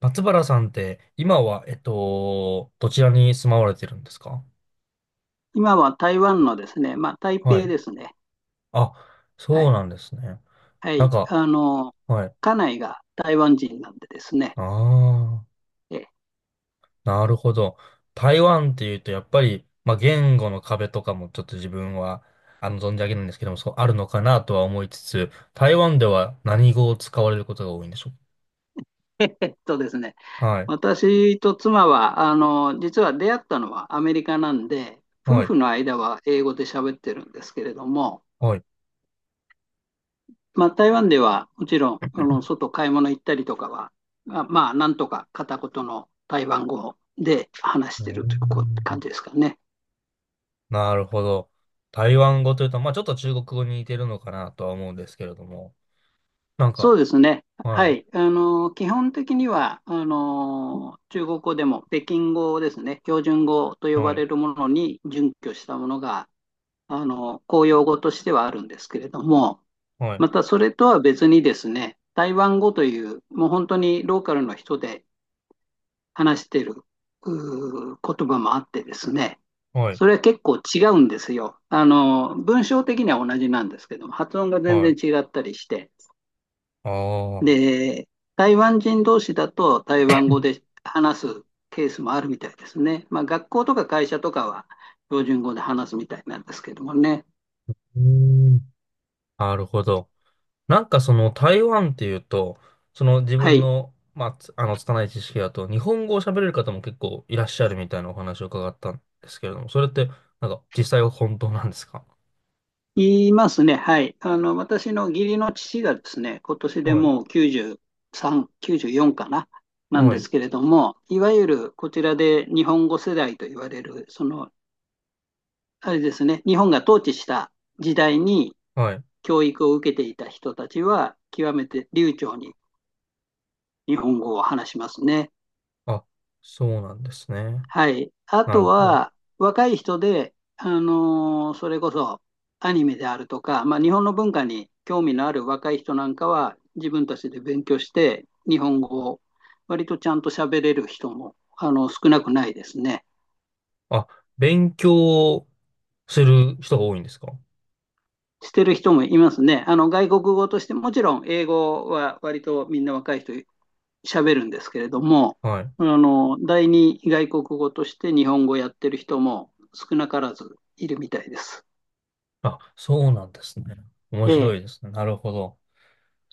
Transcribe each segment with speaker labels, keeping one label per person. Speaker 1: 松原さんって、今は、どちらに住まわれてるんですか？
Speaker 2: 今は台湾のですね、まあ、台
Speaker 1: は
Speaker 2: 北
Speaker 1: い。
Speaker 2: ですね。
Speaker 1: あ、
Speaker 2: は
Speaker 1: そう
Speaker 2: い。
Speaker 1: なんですね。
Speaker 2: は
Speaker 1: なん
Speaker 2: い。
Speaker 1: か、
Speaker 2: あの、
Speaker 1: はい。
Speaker 2: 家内が台湾人なんでですね。
Speaker 1: ああ、
Speaker 2: え
Speaker 1: なるほど。台湾っていうと、やっぱり、まあ、言語の壁とかもちょっと自分は、存じ上げないんですけども、そう、あるのかなとは思いつつ、台湾では何語を使われることが多いんでしょう
Speaker 2: えっとですね、
Speaker 1: か？はい。
Speaker 2: 私と妻は、あの、実は出会ったのはアメリカなんで、夫
Speaker 1: はい。
Speaker 2: 婦の間は英語で喋ってるんですけれども、
Speaker 1: はい。う
Speaker 2: まあ、台湾ではもちろん、あの、外買い物行ったりとかは、まあ、なんとか片言の台湾語で話
Speaker 1: ー
Speaker 2: してるという感
Speaker 1: ん。
Speaker 2: じですかね。
Speaker 1: なるほど。台湾語というと、まあ、ちょっと中国語に似てるのかなとは思うんですけれども、なんか、
Speaker 2: そうですね。
Speaker 1: は
Speaker 2: は
Speaker 1: い、
Speaker 2: い。あの、基本的には、あの、中国語でも北京語ですね、標準語と呼ば
Speaker 1: はい、
Speaker 2: れるものに準拠したものが、あの、公用語としてはあるんですけれども、
Speaker 1: はい、
Speaker 2: またそれとは別にですね、台湾語という、もう本当にローカルの人で話している言葉もあってですね、
Speaker 1: はい、
Speaker 2: それは結構違うんですよ。あの、文章的には同じなんですけども、発音が全
Speaker 1: は
Speaker 2: 然
Speaker 1: い。
Speaker 2: 違ったりして。
Speaker 1: ああ、
Speaker 2: で、台湾人同士だと台湾語で話すケースもあるみたいですね。まあ、学校とか会社とかは標準語で話すみたいなんですけどもね。
Speaker 1: うーん、なるほど。なんかその台湾っていうと、その自
Speaker 2: は
Speaker 1: 分
Speaker 2: い。
Speaker 1: の、まあ、つあの、拙い知識だと、日本語を喋れる方も結構いらっしゃるみたいなお話を伺ったんですけれども、それって、なんか実際は本当なんですか？
Speaker 2: 言いますね。はい。あの、私の義理の父がですね、今年で
Speaker 1: はい、
Speaker 2: もう93、94かな、なん
Speaker 1: は
Speaker 2: で
Speaker 1: い、
Speaker 2: すけれども、いわゆるこちらで日本語世代と言われる、その、あれですね、日本が統治した時代に
Speaker 1: はい。
Speaker 2: 教育を受けていた人たちは、極めて流暢に日本語を話しますね。
Speaker 1: あ、そうなんですね。
Speaker 2: はい。あ
Speaker 1: な
Speaker 2: と
Speaker 1: るほど。
Speaker 2: は、若い人で、あの、それこそアニメであるとか、まあ、日本の文化に興味のある若い人なんかは、自分たちで勉強して、日本語を割とちゃんと喋れる人も、あの、少なくないですね。
Speaker 1: あ、勉強する人が多いんですか？
Speaker 2: してる人もいますね。あの、外国語として、もちろん英語は割とみんな若い人喋るんですけれども、
Speaker 1: はい。
Speaker 2: あの、第二外国語として日本語をやってる人も少なからずいるみたいです。
Speaker 1: あ、そうなんですね。面
Speaker 2: え
Speaker 1: 白
Speaker 2: え、
Speaker 1: いですね。なるほど。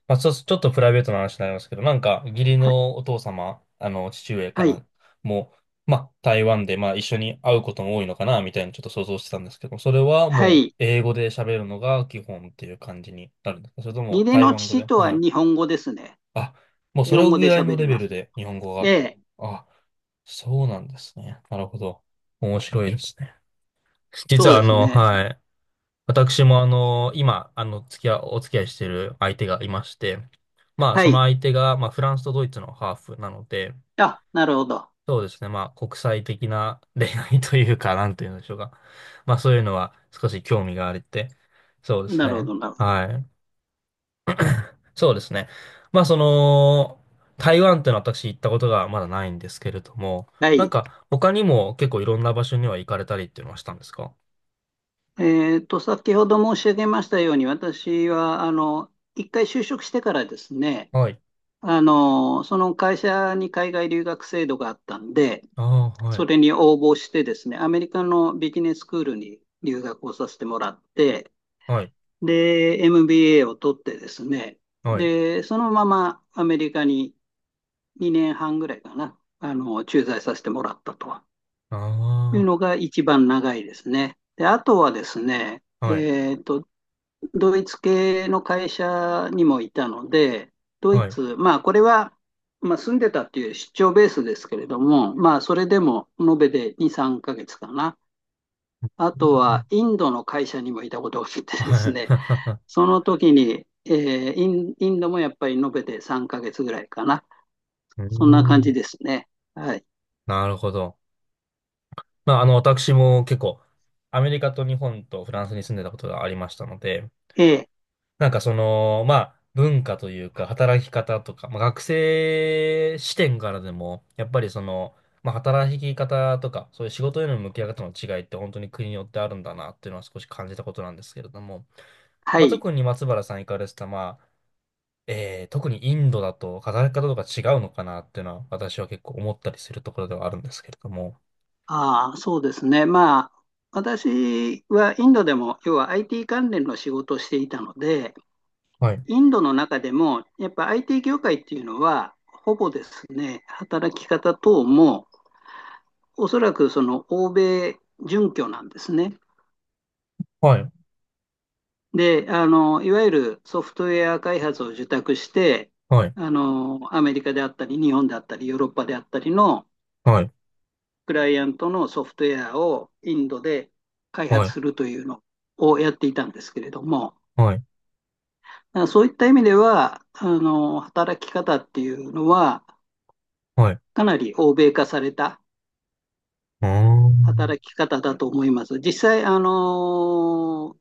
Speaker 1: まあ、そうちょっとプライベートな話になりますけど、なんか、義理
Speaker 2: は、
Speaker 1: のお父様、父上か
Speaker 2: はい、
Speaker 1: な、もう、まあ、台湾で、まあ、一緒に会うことも多いのかな、みたいにちょっと想像してたんですけど、それは
Speaker 2: は
Speaker 1: もう、
Speaker 2: い。
Speaker 1: 英語で喋るのが基本っていう感じになるんですか？それと
Speaker 2: 義
Speaker 1: も、
Speaker 2: 理
Speaker 1: 台
Speaker 2: の
Speaker 1: 湾語
Speaker 2: 父
Speaker 1: で？
Speaker 2: とは
Speaker 1: はい。
Speaker 2: 日本語ですね。
Speaker 1: あ、もう
Speaker 2: 日
Speaker 1: それ
Speaker 2: 本語
Speaker 1: ぐ
Speaker 2: で
Speaker 1: らいの
Speaker 2: 喋り
Speaker 1: レベ
Speaker 2: ま
Speaker 1: ル
Speaker 2: す。
Speaker 1: で、日本語
Speaker 2: え
Speaker 1: が。
Speaker 2: え、
Speaker 1: あ、そうなんですね。なるほど。面白いですね。実
Speaker 2: そう
Speaker 1: は、
Speaker 2: ですね。
Speaker 1: はい。私も今、付き合い、お付き合いしてる相手がいまして、まあ、
Speaker 2: は
Speaker 1: その
Speaker 2: い。
Speaker 1: 相手が、まあ、フランスとドイツのハーフなので、
Speaker 2: あ、なるほど。
Speaker 1: そうですね、まあ、国際的な 恋愛というか、なんていうんでしょうか。まあ、そういうのは少し興味があれて、そうです
Speaker 2: なるほ
Speaker 1: ね。
Speaker 2: ど、なるほど。
Speaker 1: はい。そうですね。まあ、その、台湾ってのは私行ったことがまだないんですけれども、
Speaker 2: は
Speaker 1: なん
Speaker 2: い。
Speaker 1: か、他にも結構いろんな場所には行かれたりっていうのはしたんですか？
Speaker 2: えっと、先ほど申し上げましたように、私は、あの、一回就職してからですね、
Speaker 1: はい。
Speaker 2: あの、その会社に海外留学制度があったんで、
Speaker 1: ああ、はい。
Speaker 2: それに応募してですね、アメリカのビジネススクールに留学をさせてもらって、
Speaker 1: はい。
Speaker 2: で、MBA を取ってですね、
Speaker 1: はい。
Speaker 2: で、そのままアメリカに2年半ぐらいかな、あの、駐在させてもらったという
Speaker 1: あ
Speaker 2: のが一番長いですね。で、あとはですね、
Speaker 1: あ。はい
Speaker 2: えっと、ドイツ系の会社にもいたので、ドイ
Speaker 1: はい。
Speaker 2: ツ、まあ、これは、まあ、住んでたっていう出張ベースですけれども、まあ、それでも延べで2、3ヶ月かな。あとはインドの会社にもいたことがあってで
Speaker 1: は
Speaker 2: す
Speaker 1: い。
Speaker 2: ね、その時に、インドもやっぱり延べて3ヶ月ぐらいかな。
Speaker 1: うー
Speaker 2: そんな感じ
Speaker 1: ん。
Speaker 2: ですね。はい。
Speaker 1: なるほど。まあ、私も結構、アメリカと日本とフランスに住んでたことがありましたので、
Speaker 2: ええ、
Speaker 1: なんかその、まあ、文化というか、働き方とか、まあ、学生視点からでも、やっぱりその、まあ、働き方とか、そういう仕事への向き合い方の違いって本当に国によってあるんだなっていうのは少し感じたことなんですけれども、
Speaker 2: は
Speaker 1: まあ、
Speaker 2: い。
Speaker 1: 特に松原さん行かれてた、まあ、特にインドだと働き方とか違うのかなっていうのは私は結構思ったりするところではあるんですけれども。
Speaker 2: ああ、そうですね。まあ、私はインドでも、要は IT 関連の仕事をしていたので、
Speaker 1: はい、
Speaker 2: インドの中でも、やっぱ IT 業界っていうのは、ほぼですね、働き方等も、おそらくその欧米準拠なんですね。
Speaker 1: はい、
Speaker 2: で、あの、いわゆるソフトウェア開発を受託して、
Speaker 1: はい、
Speaker 2: あの、アメリカであったり、日本であったり、ヨーロッパであったりの
Speaker 1: はい、
Speaker 2: クライアントのソフトウェアをインドで開
Speaker 1: は
Speaker 2: 発
Speaker 1: い、
Speaker 2: するというのをやっていたんですけれども、
Speaker 1: はい、
Speaker 2: そういった意味では、あの、働き方っていうのは、
Speaker 1: はい。う
Speaker 2: かなり欧米化された
Speaker 1: ーん。
Speaker 2: 働き方だと思います。実際、あの、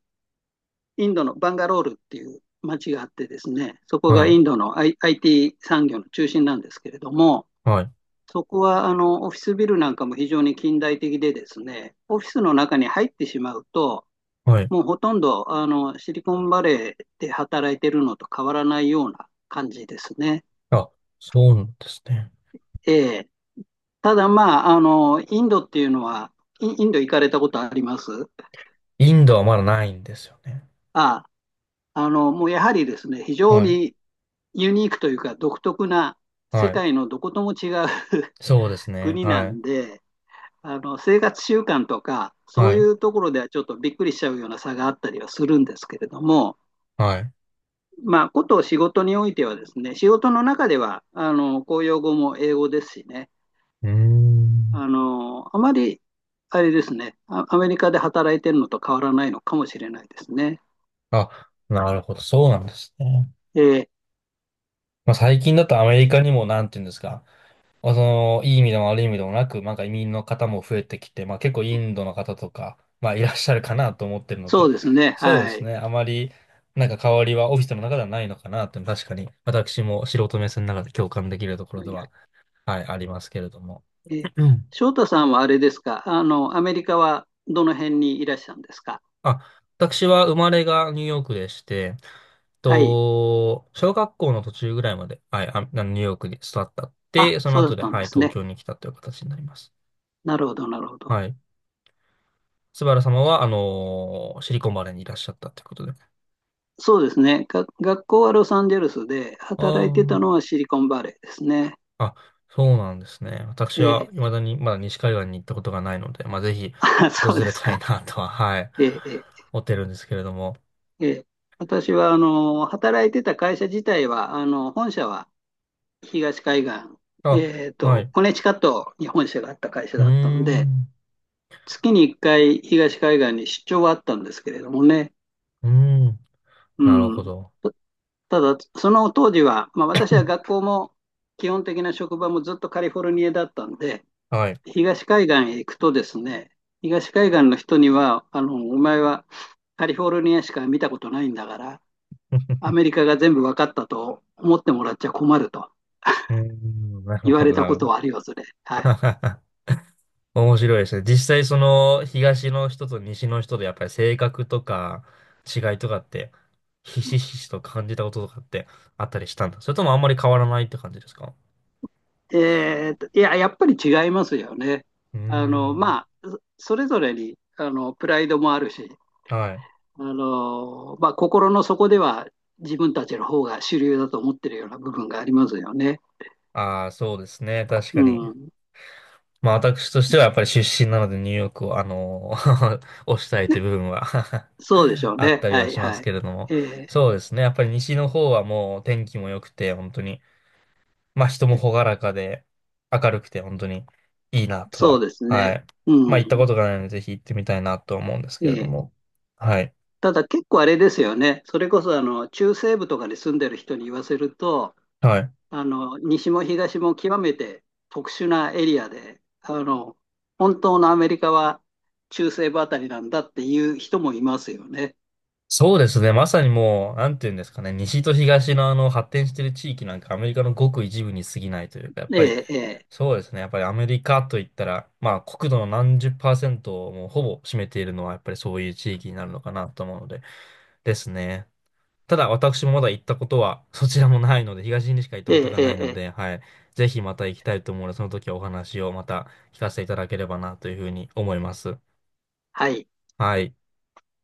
Speaker 2: インドのバンガロールっていう町があってですね、そこ
Speaker 1: は
Speaker 2: が
Speaker 1: い、
Speaker 2: インドの、IT 産業の中心なんですけれども、
Speaker 1: はい、
Speaker 2: そこはあのオフィスビルなんかも非常に近代的でですね、オフィスの中に入ってしまうと、
Speaker 1: はい。
Speaker 2: もうほとんどあのシリコンバレーで働いてるのと変わらないような感じですね。
Speaker 1: あ、そうなんですね。
Speaker 2: えー、ただまあ、あの、インドっていうのは、インド行かれたことあります？
Speaker 1: インドはまだないんですよね。
Speaker 2: ああの、もうやはりですね、非常
Speaker 1: はい、
Speaker 2: にユニークというか独特な世
Speaker 1: はい。
Speaker 2: 界のどことも違う
Speaker 1: そうですね。
Speaker 2: 国な
Speaker 1: はい、
Speaker 2: んで、あの、生活習慣とか、そ
Speaker 1: は
Speaker 2: うい
Speaker 1: い、
Speaker 2: うところではちょっとびっくりしちゃうような差があったりはするんですけれども、
Speaker 1: はい。う
Speaker 2: まあ、こと仕事においてはですね、仕事の中では、あの、公用語も英語ですしね、
Speaker 1: ーん。
Speaker 2: あの、あまり、あれですね、アメリカで働いてるのと変わらないのかもしれないですね。
Speaker 1: あ、なるほど。そうなんですね。
Speaker 2: えー
Speaker 1: まあ、最近だとアメリカにも、なんていうんですか。まあその、いい意味でも悪い意味でもなく、なんか移民の方も増えてきて、まあ結構インドの方とか、まあいらっしゃるかなと思ってるの
Speaker 2: そ
Speaker 1: で、
Speaker 2: うですね、
Speaker 1: そうで
Speaker 2: は
Speaker 1: す
Speaker 2: い。
Speaker 1: ね。あまり、なんか変わりはオフィスの中ではないのかなっていうのは確かに、私も素人目線の中で共感できるところでは、はい、ありますけれども。
Speaker 2: えー
Speaker 1: うん。
Speaker 2: 翔太さんはあれですか、あの、アメリカはどの辺にいらっしゃるんですか？
Speaker 1: あ、私は生まれがニューヨークでして、
Speaker 2: はい。
Speaker 1: と、小学校の途中ぐらいまで、はい、あ、あのニューヨークに育ったっ
Speaker 2: あ、
Speaker 1: て、その
Speaker 2: そうだ
Speaker 1: 後
Speaker 2: っ
Speaker 1: で、
Speaker 2: たん
Speaker 1: は
Speaker 2: で
Speaker 1: い、
Speaker 2: す
Speaker 1: 東
Speaker 2: ね。
Speaker 1: 京に来たという形になります。
Speaker 2: なるほど、なるほど。
Speaker 1: はい。スバル様は、シリコンバレーにいらっしゃったということで。
Speaker 2: そうですね。学校はロサンゼルスで、
Speaker 1: あ
Speaker 2: 働いてたのはシリコンバレーですね。
Speaker 1: あ。あ、そうなんですね。私
Speaker 2: え
Speaker 1: は、
Speaker 2: ー、
Speaker 1: 未だに、まだ西海岸に行ったことがないので、まあ、ぜひ、
Speaker 2: あ、そう
Speaker 1: 訪
Speaker 2: で
Speaker 1: れ
Speaker 2: す
Speaker 1: たい
Speaker 2: か。
Speaker 1: なとは、はい、
Speaker 2: えーえ
Speaker 1: 思ってるんですけれども。
Speaker 2: ーえー私は、あの、働いてた会社自体は、あの、本社は東海岸、
Speaker 1: あ、
Speaker 2: えー
Speaker 1: は
Speaker 2: と、
Speaker 1: い。
Speaker 2: コネチカットに本社があった会社
Speaker 1: うー
Speaker 2: だったので、
Speaker 1: ん、
Speaker 2: 月に1回東海岸に出張はあったんですけれどもね、
Speaker 1: うーん、
Speaker 2: う
Speaker 1: なるほ
Speaker 2: ん。
Speaker 1: ど。
Speaker 2: ただ、その当時は、まあ、私は学校も基本的な職場もずっとカリフォルニアだったんで、
Speaker 1: はい。
Speaker 2: 東海岸へ行くとですね、東海岸の人には、あの、お前はカリフォルニアしか見たことないんだから、ア メリカが全部分かったと思ってもらっちゃ困ると
Speaker 1: うーん、なる
Speaker 2: 言わ
Speaker 1: ほ
Speaker 2: れ
Speaker 1: ど、
Speaker 2: た
Speaker 1: な
Speaker 2: こ
Speaker 1: る
Speaker 2: と
Speaker 1: ほど。
Speaker 2: はありますね。はい。
Speaker 1: 面白いですね。実際その東の人と西の人でやっぱり性格とか違いとかってひしひしと感じたこととかってあったりしたんだ。それともあんまり変わらないって感じですか？
Speaker 2: えーと、いや、やっぱり違いますよね。
Speaker 1: うー
Speaker 2: あの、
Speaker 1: ん。
Speaker 2: まあ、それぞれに、あの、プライドもあるし、
Speaker 1: はい。
Speaker 2: あの、まあ、心の底では自分たちの方が主流だと思ってるような部分がありますよね。
Speaker 1: ああ、そうですね。確か
Speaker 2: う
Speaker 1: に。
Speaker 2: ん。
Speaker 1: まあ私としてはやっぱり出身なのでニューヨークを推したいという部分は
Speaker 2: そうでしょ う
Speaker 1: あっ
Speaker 2: ね。
Speaker 1: たり
Speaker 2: は
Speaker 1: は
Speaker 2: い
Speaker 1: します
Speaker 2: はい。
Speaker 1: けれども。
Speaker 2: えー
Speaker 1: そうですね。やっぱり西の方はもう天気も良くて本当に。まあ人も朗らかで明るくて本当にいいなと
Speaker 2: そう
Speaker 1: は、
Speaker 2: です
Speaker 1: は
Speaker 2: ね。
Speaker 1: い。
Speaker 2: う
Speaker 1: まあ行った
Speaker 2: ん。
Speaker 1: ことがないのでぜひ行ってみたいなと思うんです
Speaker 2: え
Speaker 1: けれど
Speaker 2: ー
Speaker 1: も。はい。
Speaker 2: ただ結構あれですよね。それこそあの中西部とかに住んでる人に言わせると、
Speaker 1: はい。
Speaker 2: あの西も東も極めて特殊なエリアで、あの本当のアメリカは中西部あたりなんだっていう人もいますよね。
Speaker 1: そうですね。まさにもう、なんていうんですかね。西と東のあの発展している地域なんかアメリカのごく一部に過ぎないというか、やっ
Speaker 2: え
Speaker 1: ぱり
Speaker 2: ーえ
Speaker 1: そうですね。やっぱりアメリカといったら、まあ国土の何十パーセントをもうほぼ占めているのはやっぱりそういう地域になるのかなと思うので、ですね。ただ私もまだ行ったことはそちらもないので、東にしか行った
Speaker 2: ーえ
Speaker 1: こと
Speaker 2: ーえー
Speaker 1: がないの
Speaker 2: え
Speaker 1: で、
Speaker 2: ー
Speaker 1: はい。ぜひまた行きたいと思うので、その時はお話をまた聞かせていただければなというふうに思います。
Speaker 2: はい。
Speaker 1: はい。